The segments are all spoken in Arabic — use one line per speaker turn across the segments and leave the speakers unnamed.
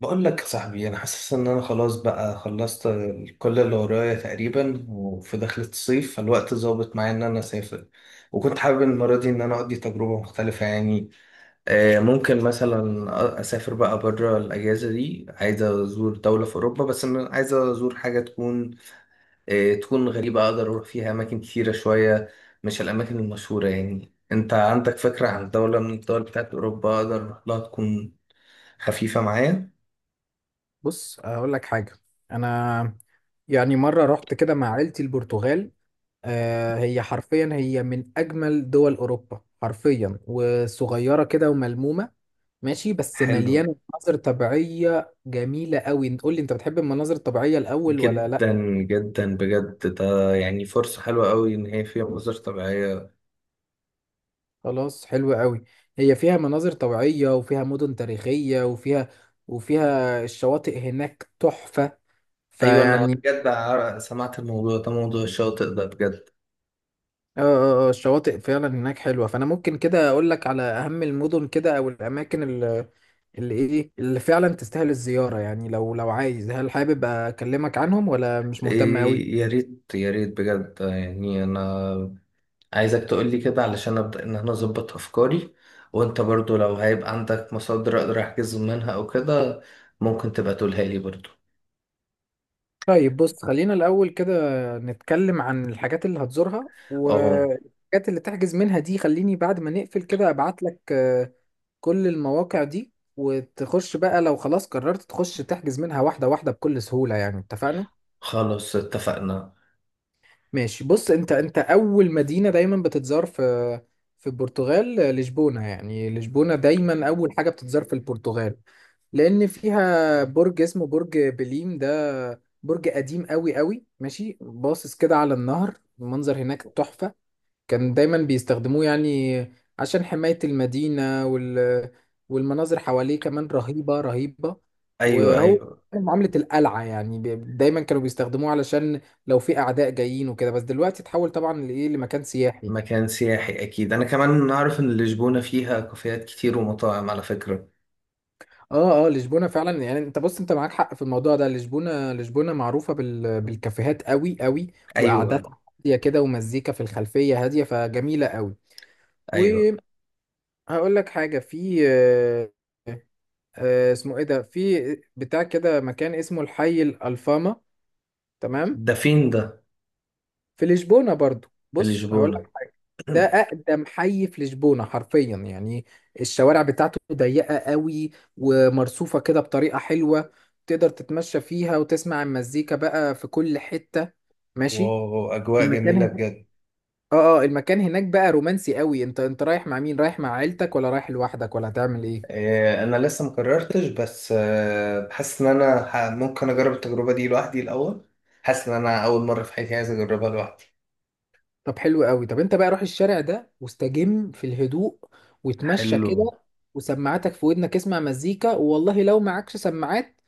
بقول لك يا صاحبي انا حاسس ان انا خلاص بقى خلصت كل اللي ورايا تقريبا، وفي دخلة الصيف فالوقت ظابط معايا ان انا اسافر. وكنت حابب المرة دي ان انا اقضي تجربة مختلفة يعني. ممكن مثلا اسافر بقى بره الاجازة دي. عايز ازور دولة في اوروبا، بس انا عايز ازور حاجة تكون غريبة، اقدر اروح فيها اماكن كتيرة شوية، مش الاماكن المشهورة. يعني انت عندك فكرة عن دولة من الدول بتاعت اوروبا اقدر اروح لها تكون خفيفة معايا؟
بص اقول لك حاجه. انا، يعني مره رحت كده مع عيلتي البرتغال. هي حرفيا، هي من اجمل دول اوروبا حرفيا، وصغيره كده وملمومه، ماشي، بس
حلو
مليانه مناظر طبيعيه جميله قوي. قول لي، انت بتحب المناظر الطبيعيه الاول ولا لا؟
جدا. جدا بجد، ده يعني فرصة حلوة قوي إن هي فيها مناظر طبيعية.
خلاص، حلو قوي. هي فيها مناظر طبيعيه، وفيها مدن تاريخيه، وفيها الشواطئ هناك تحفه.
أيوة، أنا
فيعني
بجد سمعت الموضوع ده، موضوع الشاطئ ده بجد.
الشواطئ فعلا هناك حلوة. فأنا ممكن كده أقول لك على أهم المدن كده، أو الأماكن اللي إيه، اللي فعلا تستاهل الزيارة. يعني لو عايز، هل حابب أكلمك عنهم ولا مش مهتم
إيه،
أوي؟
يا ريت يا ريت بجد، يعني أنا عايزك تقولي كده علشان أبدأ إن أنا أظبط أفكاري. وأنت برضو لو هيبقى عندك مصادر أقدر أحجز منها أو كده ممكن تبقى تقولها لي برضو.
طيب بص، خلينا الأول كده نتكلم عن الحاجات اللي هتزورها،
أه،
والحاجات اللي تحجز منها دي خليني بعد ما نقفل كده أبعت لك كل المواقع دي، وتخش بقى لو خلاص قررت تخش تحجز منها واحدة واحدة بكل سهولة. يعني اتفقنا؟
خلاص اتفقنا.
ماشي، بص انت اول مدينة دايما بتتزار في البرتغال لشبونة. يعني لشبونة دايما اول حاجة بتتزار في البرتغال، لان فيها برج اسمه برج بليم. ده برج قديم قوي قوي، ماشي، باصص كده على النهر، المنظر هناك تحفة. كان دايما بيستخدموه، يعني عشان حماية المدينة والمناظر حواليه كمان رهيبة رهيبة.
أيوة
وهو
أيوة.
كان معاملة القلعة، يعني دايما كانوا بيستخدموه علشان لو في أعداء جايين وكده. بس دلوقتي اتحول طبعا لإيه، لمكان سياحي يعني.
مكان سياحي أكيد، أنا كمان أعرف إن لشبونة فيها كافيهات كتير ومطاعم على فكرة.
اه لشبونة فعلا، يعني انت بص، انت معاك حق في الموضوع ده. لشبونة، لشبونة معروفة بالكافيهات قوي قوي،
أيوة.
وقعداتها هادية كده، ومزيكا في الخلفية هادية، فجميلة قوي.
أيوة،
وهقول لك حاجة في اسمه ايه ده، في بتاع كده مكان اسمه الحي الألفاما. تمام،
ده فين ده؟
في لشبونة برضو.
في
بص هقول
لشبونة.
لك حاجة، ده أقدم حي في لشبونة حرفيا يعني. الشوارع بتاعته ضيقة قوي، ومرصوفة كده بطريقة حلوة، تقدر تتمشى فيها وتسمع المزيكا بقى في كل حتة. ماشي،
واو، أجواء
المكان
جميلة
هناك
بجد.
اه المكان هناك بقى رومانسي قوي. انت رايح مع مين، رايح مع عيلتك ولا رايح لوحدك ولا هتعمل ايه؟
أنا لسه مكررتش، بس حاسس إن أنا ممكن أجرب التجربة دي لوحدي الأول. حاسس إن أنا أول مرة في حياتي عايز أجربها لوحدي.
طب حلو قوي، طب انت بقى روح الشارع ده واستجم في الهدوء، وتمشى
حلو.
كده وسماعاتك في ودنك، اسمع مزيكا. والله لو معكش سماعات،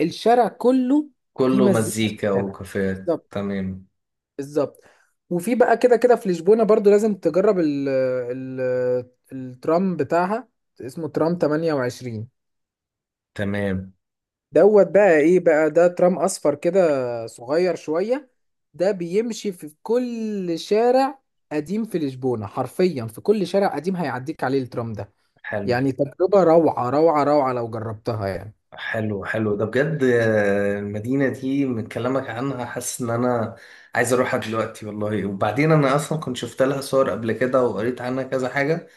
الشارع كله فيه
كله
مزيكا
مزيكا
شغالة.
وكافيهات،
بالظبط،
تمام.
بالظبط. وفي بقى كده كده في لشبونة برضو لازم تجرب ال الترام بتاعها. اسمه ترام 28
تمام،
دوت. بقى ايه بقى ده، ترام اصفر كده، صغير شوية، ده بيمشي في كل شارع قديم في لشبونة. حرفيا في كل شارع قديم هيعديك عليه الترام ده.
حلو
يعني تجربة روعة روعة روعة لو جربتها يعني.
حلو حلو. ده بجد، المدينة دي من كلامك عنها حاسس ان انا عايز اروحها دلوقتي والله. وبعدين انا اصلا كنت شفت لها صور قبل كده وقريت عنها كذا حاجة،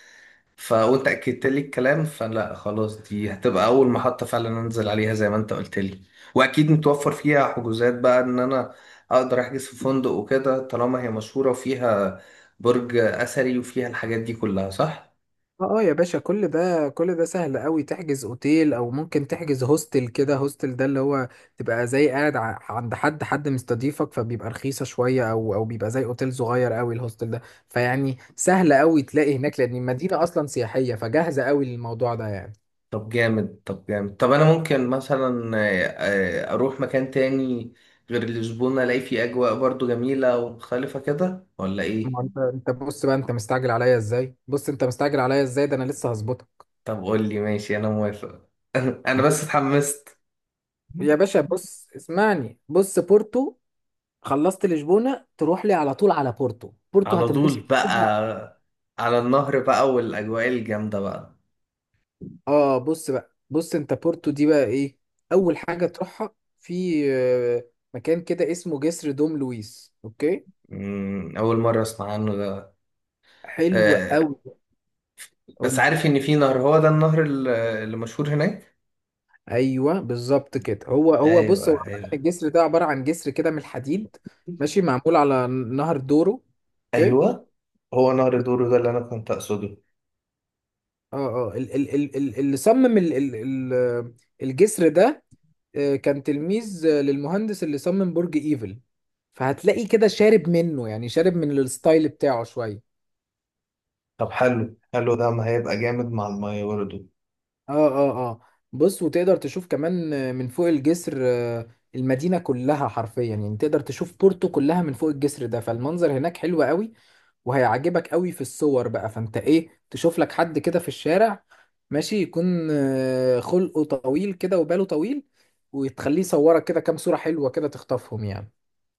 وانت اكدت لي الكلام، فلا خلاص دي هتبقى اول محطة فعلا انزل عليها زي ما انت قلت لي. واكيد متوفر فيها حجوزات بقى ان انا اقدر احجز في فندق وكده طالما هي مشهورة وفيها برج اثري وفيها الحاجات دي كلها، صح؟
يا باشا كل ده كل ده سهل قوي. تحجز اوتيل او ممكن تحجز هوستل كده. هوستل ده اللي هو تبقى زي قاعد عند حد مستضيفك، فبيبقى رخيصة شوية، او بيبقى زي اوتيل صغير قوي الهوستل ده. فيعني سهل قوي تلاقي هناك، لان المدينة اصلا سياحية، فجاهزة قوي للموضوع ده يعني.
طب جامد طب جامد. طب انا ممكن مثلا اروح مكان تاني غير لشبونة، الاقي فيه اجواء برضو جميلة ومختلفة كده، ولا
ما هو
ايه؟
انت بص بقى، انت مستعجل عليا ازاي، بص انت مستعجل عليا ازاي، ده انا لسه هظبطها.
طب قول لي، ماشي انا موافق، انا بس
بص-
اتحمست.
يا باشا بص اسمعني، بص بورتو. خلصت لشبونة تروح لي على طول على بورتو. بورتو
على طول
هتنبسط.
بقى، على النهر بقى والاجواء الجامدة بقى.
اه بص بقى، بص انت بورتو دي بقى ايه. اول حاجه تروحها في مكان كده اسمه جسر دوم لويس. اوكي،
اول مرة اسمع عنه ده.
حلو
آه،
قوي.
بس
قولي.
عارف ان في نهر، هو ده النهر اللي مشهور هناك.
ايوه بالظبط كده، هو هو
ايوه
بص، هو عامة
ايوه
الجسر ده عباره عن جسر كده من الحديد، ماشي، معمول على نهر دورو. اوكي
ايوه، هو نهر دورو ده اللي انا كنت اقصده.
اه اللي صمم ال- الجسر ده كان تلميذ للمهندس اللي صمم برج ايفل. فهتلاقي كده شارب منه، يعني شارب من الستايل بتاعه شويه.
طب حلو حلو، ده ما هيبقى جامد مع المية برضه.
اه اه اه بص، وتقدر تشوف كمان من فوق الجسر المدينة كلها حرفيا. يعني تقدر تشوف بورتو كلها من فوق الجسر ده، فالمنظر هناك حلو قوي وهيعجبك قوي. في الصور بقى فانت ايه، تشوف لك حد كده في الشارع، ماشي يكون خلقه طويل كده وباله طويل، وتخليه يصورك كده كام صورة حلوة كده تخطفهم يعني.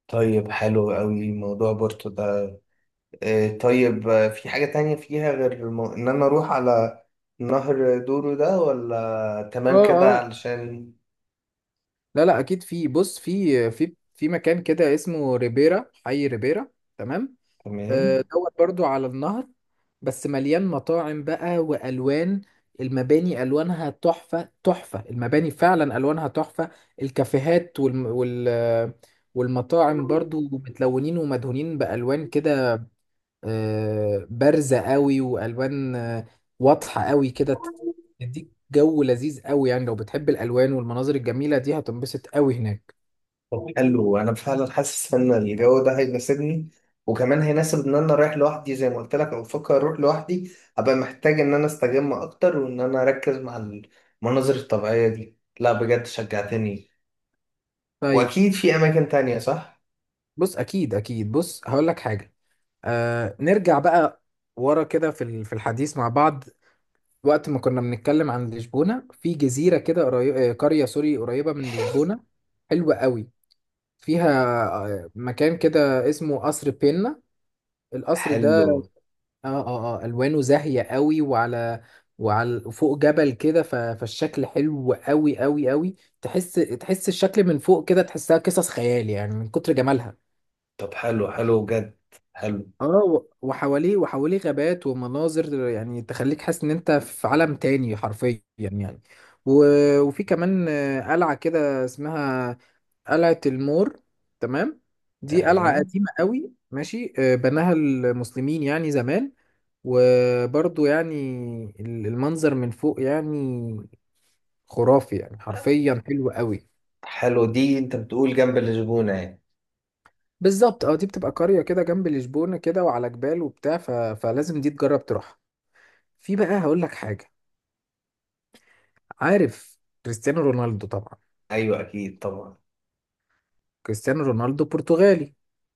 طيب حلو قوي موضوع بورتو ده. إيه طيب، في حاجة تانية فيها غير إن أنا أروح على نهر دورو ده، ولا
اه
تمام كده
اه
علشان؟
لا لا اكيد في. بص في مكان كده اسمه ريبيرا، حي ريبيرا. تمام
تمام.
دوت برضو على النهر. بس مليان مطاعم بقى، والوان المباني الوانها تحفه تحفه. المباني فعلا الوانها تحفه. الكافيهات والمطاعم برضو متلونين، ومدهونين بالوان كده بارزه قوي، والوان واضحه قوي كده. تديك جو لذيذ قوي يعني. لو بتحب الالوان والمناظر الجميله دي هتنبسط قوي هناك.
طب حلو، أنا فعلا حاسس إن الجو ده هيناسبني، وكمان هيناسب إن أنا رايح لوحدي زي ما قلت لك، أو بفكر أروح لوحدي. أبقى محتاج إن أنا أستجم أكتر وإن أنا أركز مع المناظر الطبيعية دي. لا بجد شجعتني.
طيب
وأكيد في أماكن تانية، صح؟
بص اكيد اكيد. بص هقول لك حاجه. نرجع بقى ورا كده في في الحديث مع بعض، وقت ما كنا بنتكلم عن لشبونة، في جزيرة كده قرية سوري قريبة من لشبونة، حلوة قوي. فيها مكان كده اسمه قصر بينا. القصر ده
حلو.
اه ألوانه زاهية قوي، وعلى فوق جبل كده. فالشكل حلو قوي قوي قوي. تحس الشكل من فوق كده، تحسها قصص خيال يعني من كتر جمالها.
طب حلو حلو جد. حلو.
اه، وحواليه غابات ومناظر، يعني تخليك حاسس ان انت في عالم تاني حرفيا يعني. وفي كمان قلعة كده اسمها قلعة المور. تمام، دي قلعة
تمام.
قديمة قوي، ماشي بناها المسلمين يعني زمان. وبرضو يعني المنظر من فوق يعني خرافي، يعني حرفيا حلو قوي.
حلو، دي انت بتقول جنب الزبونة يعني؟
بالظبط، دي بتبقى قرية كده جنب لشبونة كده، وعلى جبال وبتاع. فلازم دي تجرب تروحها. في بقى هقول لك حاجة. عارف كريستيانو رونالدو طبعا.
ايوه اكيد طبعا.
كريستيانو رونالدو برتغالي.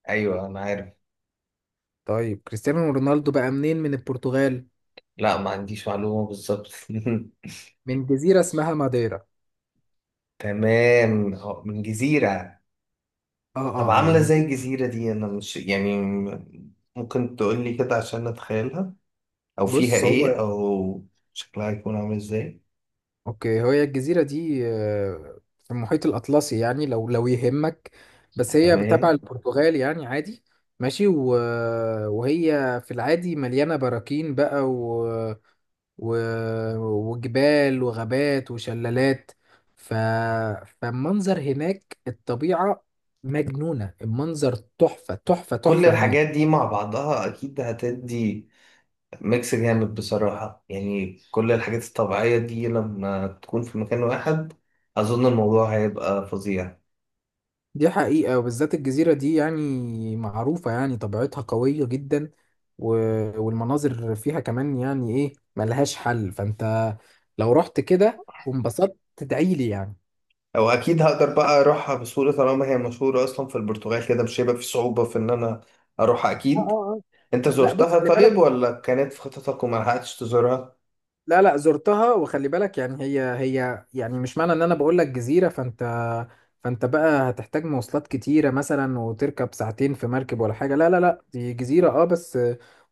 ايوه انا عارف.
طيب كريستيانو رونالدو بقى منين من البرتغال؟
لا، ما عنديش معلومة بالظبط.
من جزيرة اسمها ماديرا.
تمام، هو من جزيرة. طب
اه
عاملة زي
جزيرة
الجزيرة دي، انا مش يعني ممكن تقولي كده عشان اتخيلها، او فيها
بص. هو
ايه، او شكلها يكون عامل ازاي؟
اوكي، هي الجزيرة دي في المحيط الأطلسي يعني، لو يهمك، بس هي تبع
تمام.
البرتغال يعني، عادي. ماشي، وهي في العادي مليانة براكين بقى، و- وجبال وغابات وشلالات. ف... فالمنظر هناك الطبيعة مجنونة، المنظر تحفة تحفة
كل
تحفة هناك.
الحاجات دي مع بعضها اكيد هتدي ميكس جامد بصراحة، يعني كل الحاجات الطبيعية دي لما تكون في مكان واحد أظن الموضوع هيبقى فظيع.
دي حقيقة، وبالذات الجزيرة دي يعني معروفة، يعني طبيعتها قوية جدا، و... والمناظر فيها كمان يعني ايه، ملهاش حل. فانت لو رحت كده وانبسطت تدعيلي يعني.
أو أكيد هقدر بقى أروحها بسهولة طالما هي مشهورة أصلا في البرتغال كده، مش هيبقى في صعوبة في إن أنا أروحها
اه
أكيد.
اه اه
أنت
لا بص،
زرتها
خلي
طيب،
بالك.
ولا كانت في خططك وما لحقتش تزورها؟
لا لا زرتها. وخلي بالك يعني، هي يعني مش معنى ان انا بقول لك جزيرة فانت بقى هتحتاج مواصلات كتيرة مثلا، وتركب ساعتين في مركب ولا حاجة. لا لا لا، دي جزيرة بس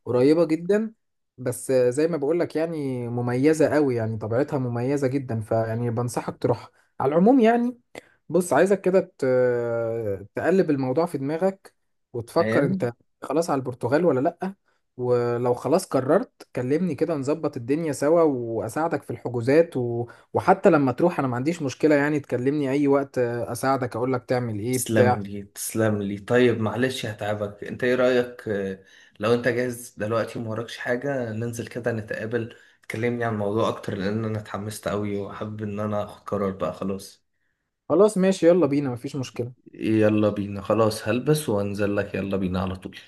قريبة جدا. بس زي ما بقول لك يعني مميزة قوي، يعني طبيعتها مميزة جدا، فيعني بنصحك تروح. على العموم يعني، بص عايزك كده تقلب الموضوع في دماغك، وتفكر
فاهم؟
انت خلاص على البرتغال ولا لا. ولو خلاص قررت كلمني كده، نظبط الدنيا سوا واساعدك في الحجوزات وحتى لما تروح انا ما عنديش مشكلة. يعني تكلمني اي وقت اساعدك، اقولك تعمل ايه بتاع.
تسلم لي تسلم لي. طيب معلش هتعبك، انت ايه رأيك، لو انت جاهز دلوقتي وموراكش حاجة ننزل كده نتقابل، تكلمني عن الموضوع اكتر، لان انا اتحمست قوي وحابب ان انا اخد قرار بقى خلاص.
خلاص ماشي، يلا بينا، مفيش مشكلة.
يلا بينا خلاص، هلبس وانزل لك. يلا بينا على طول.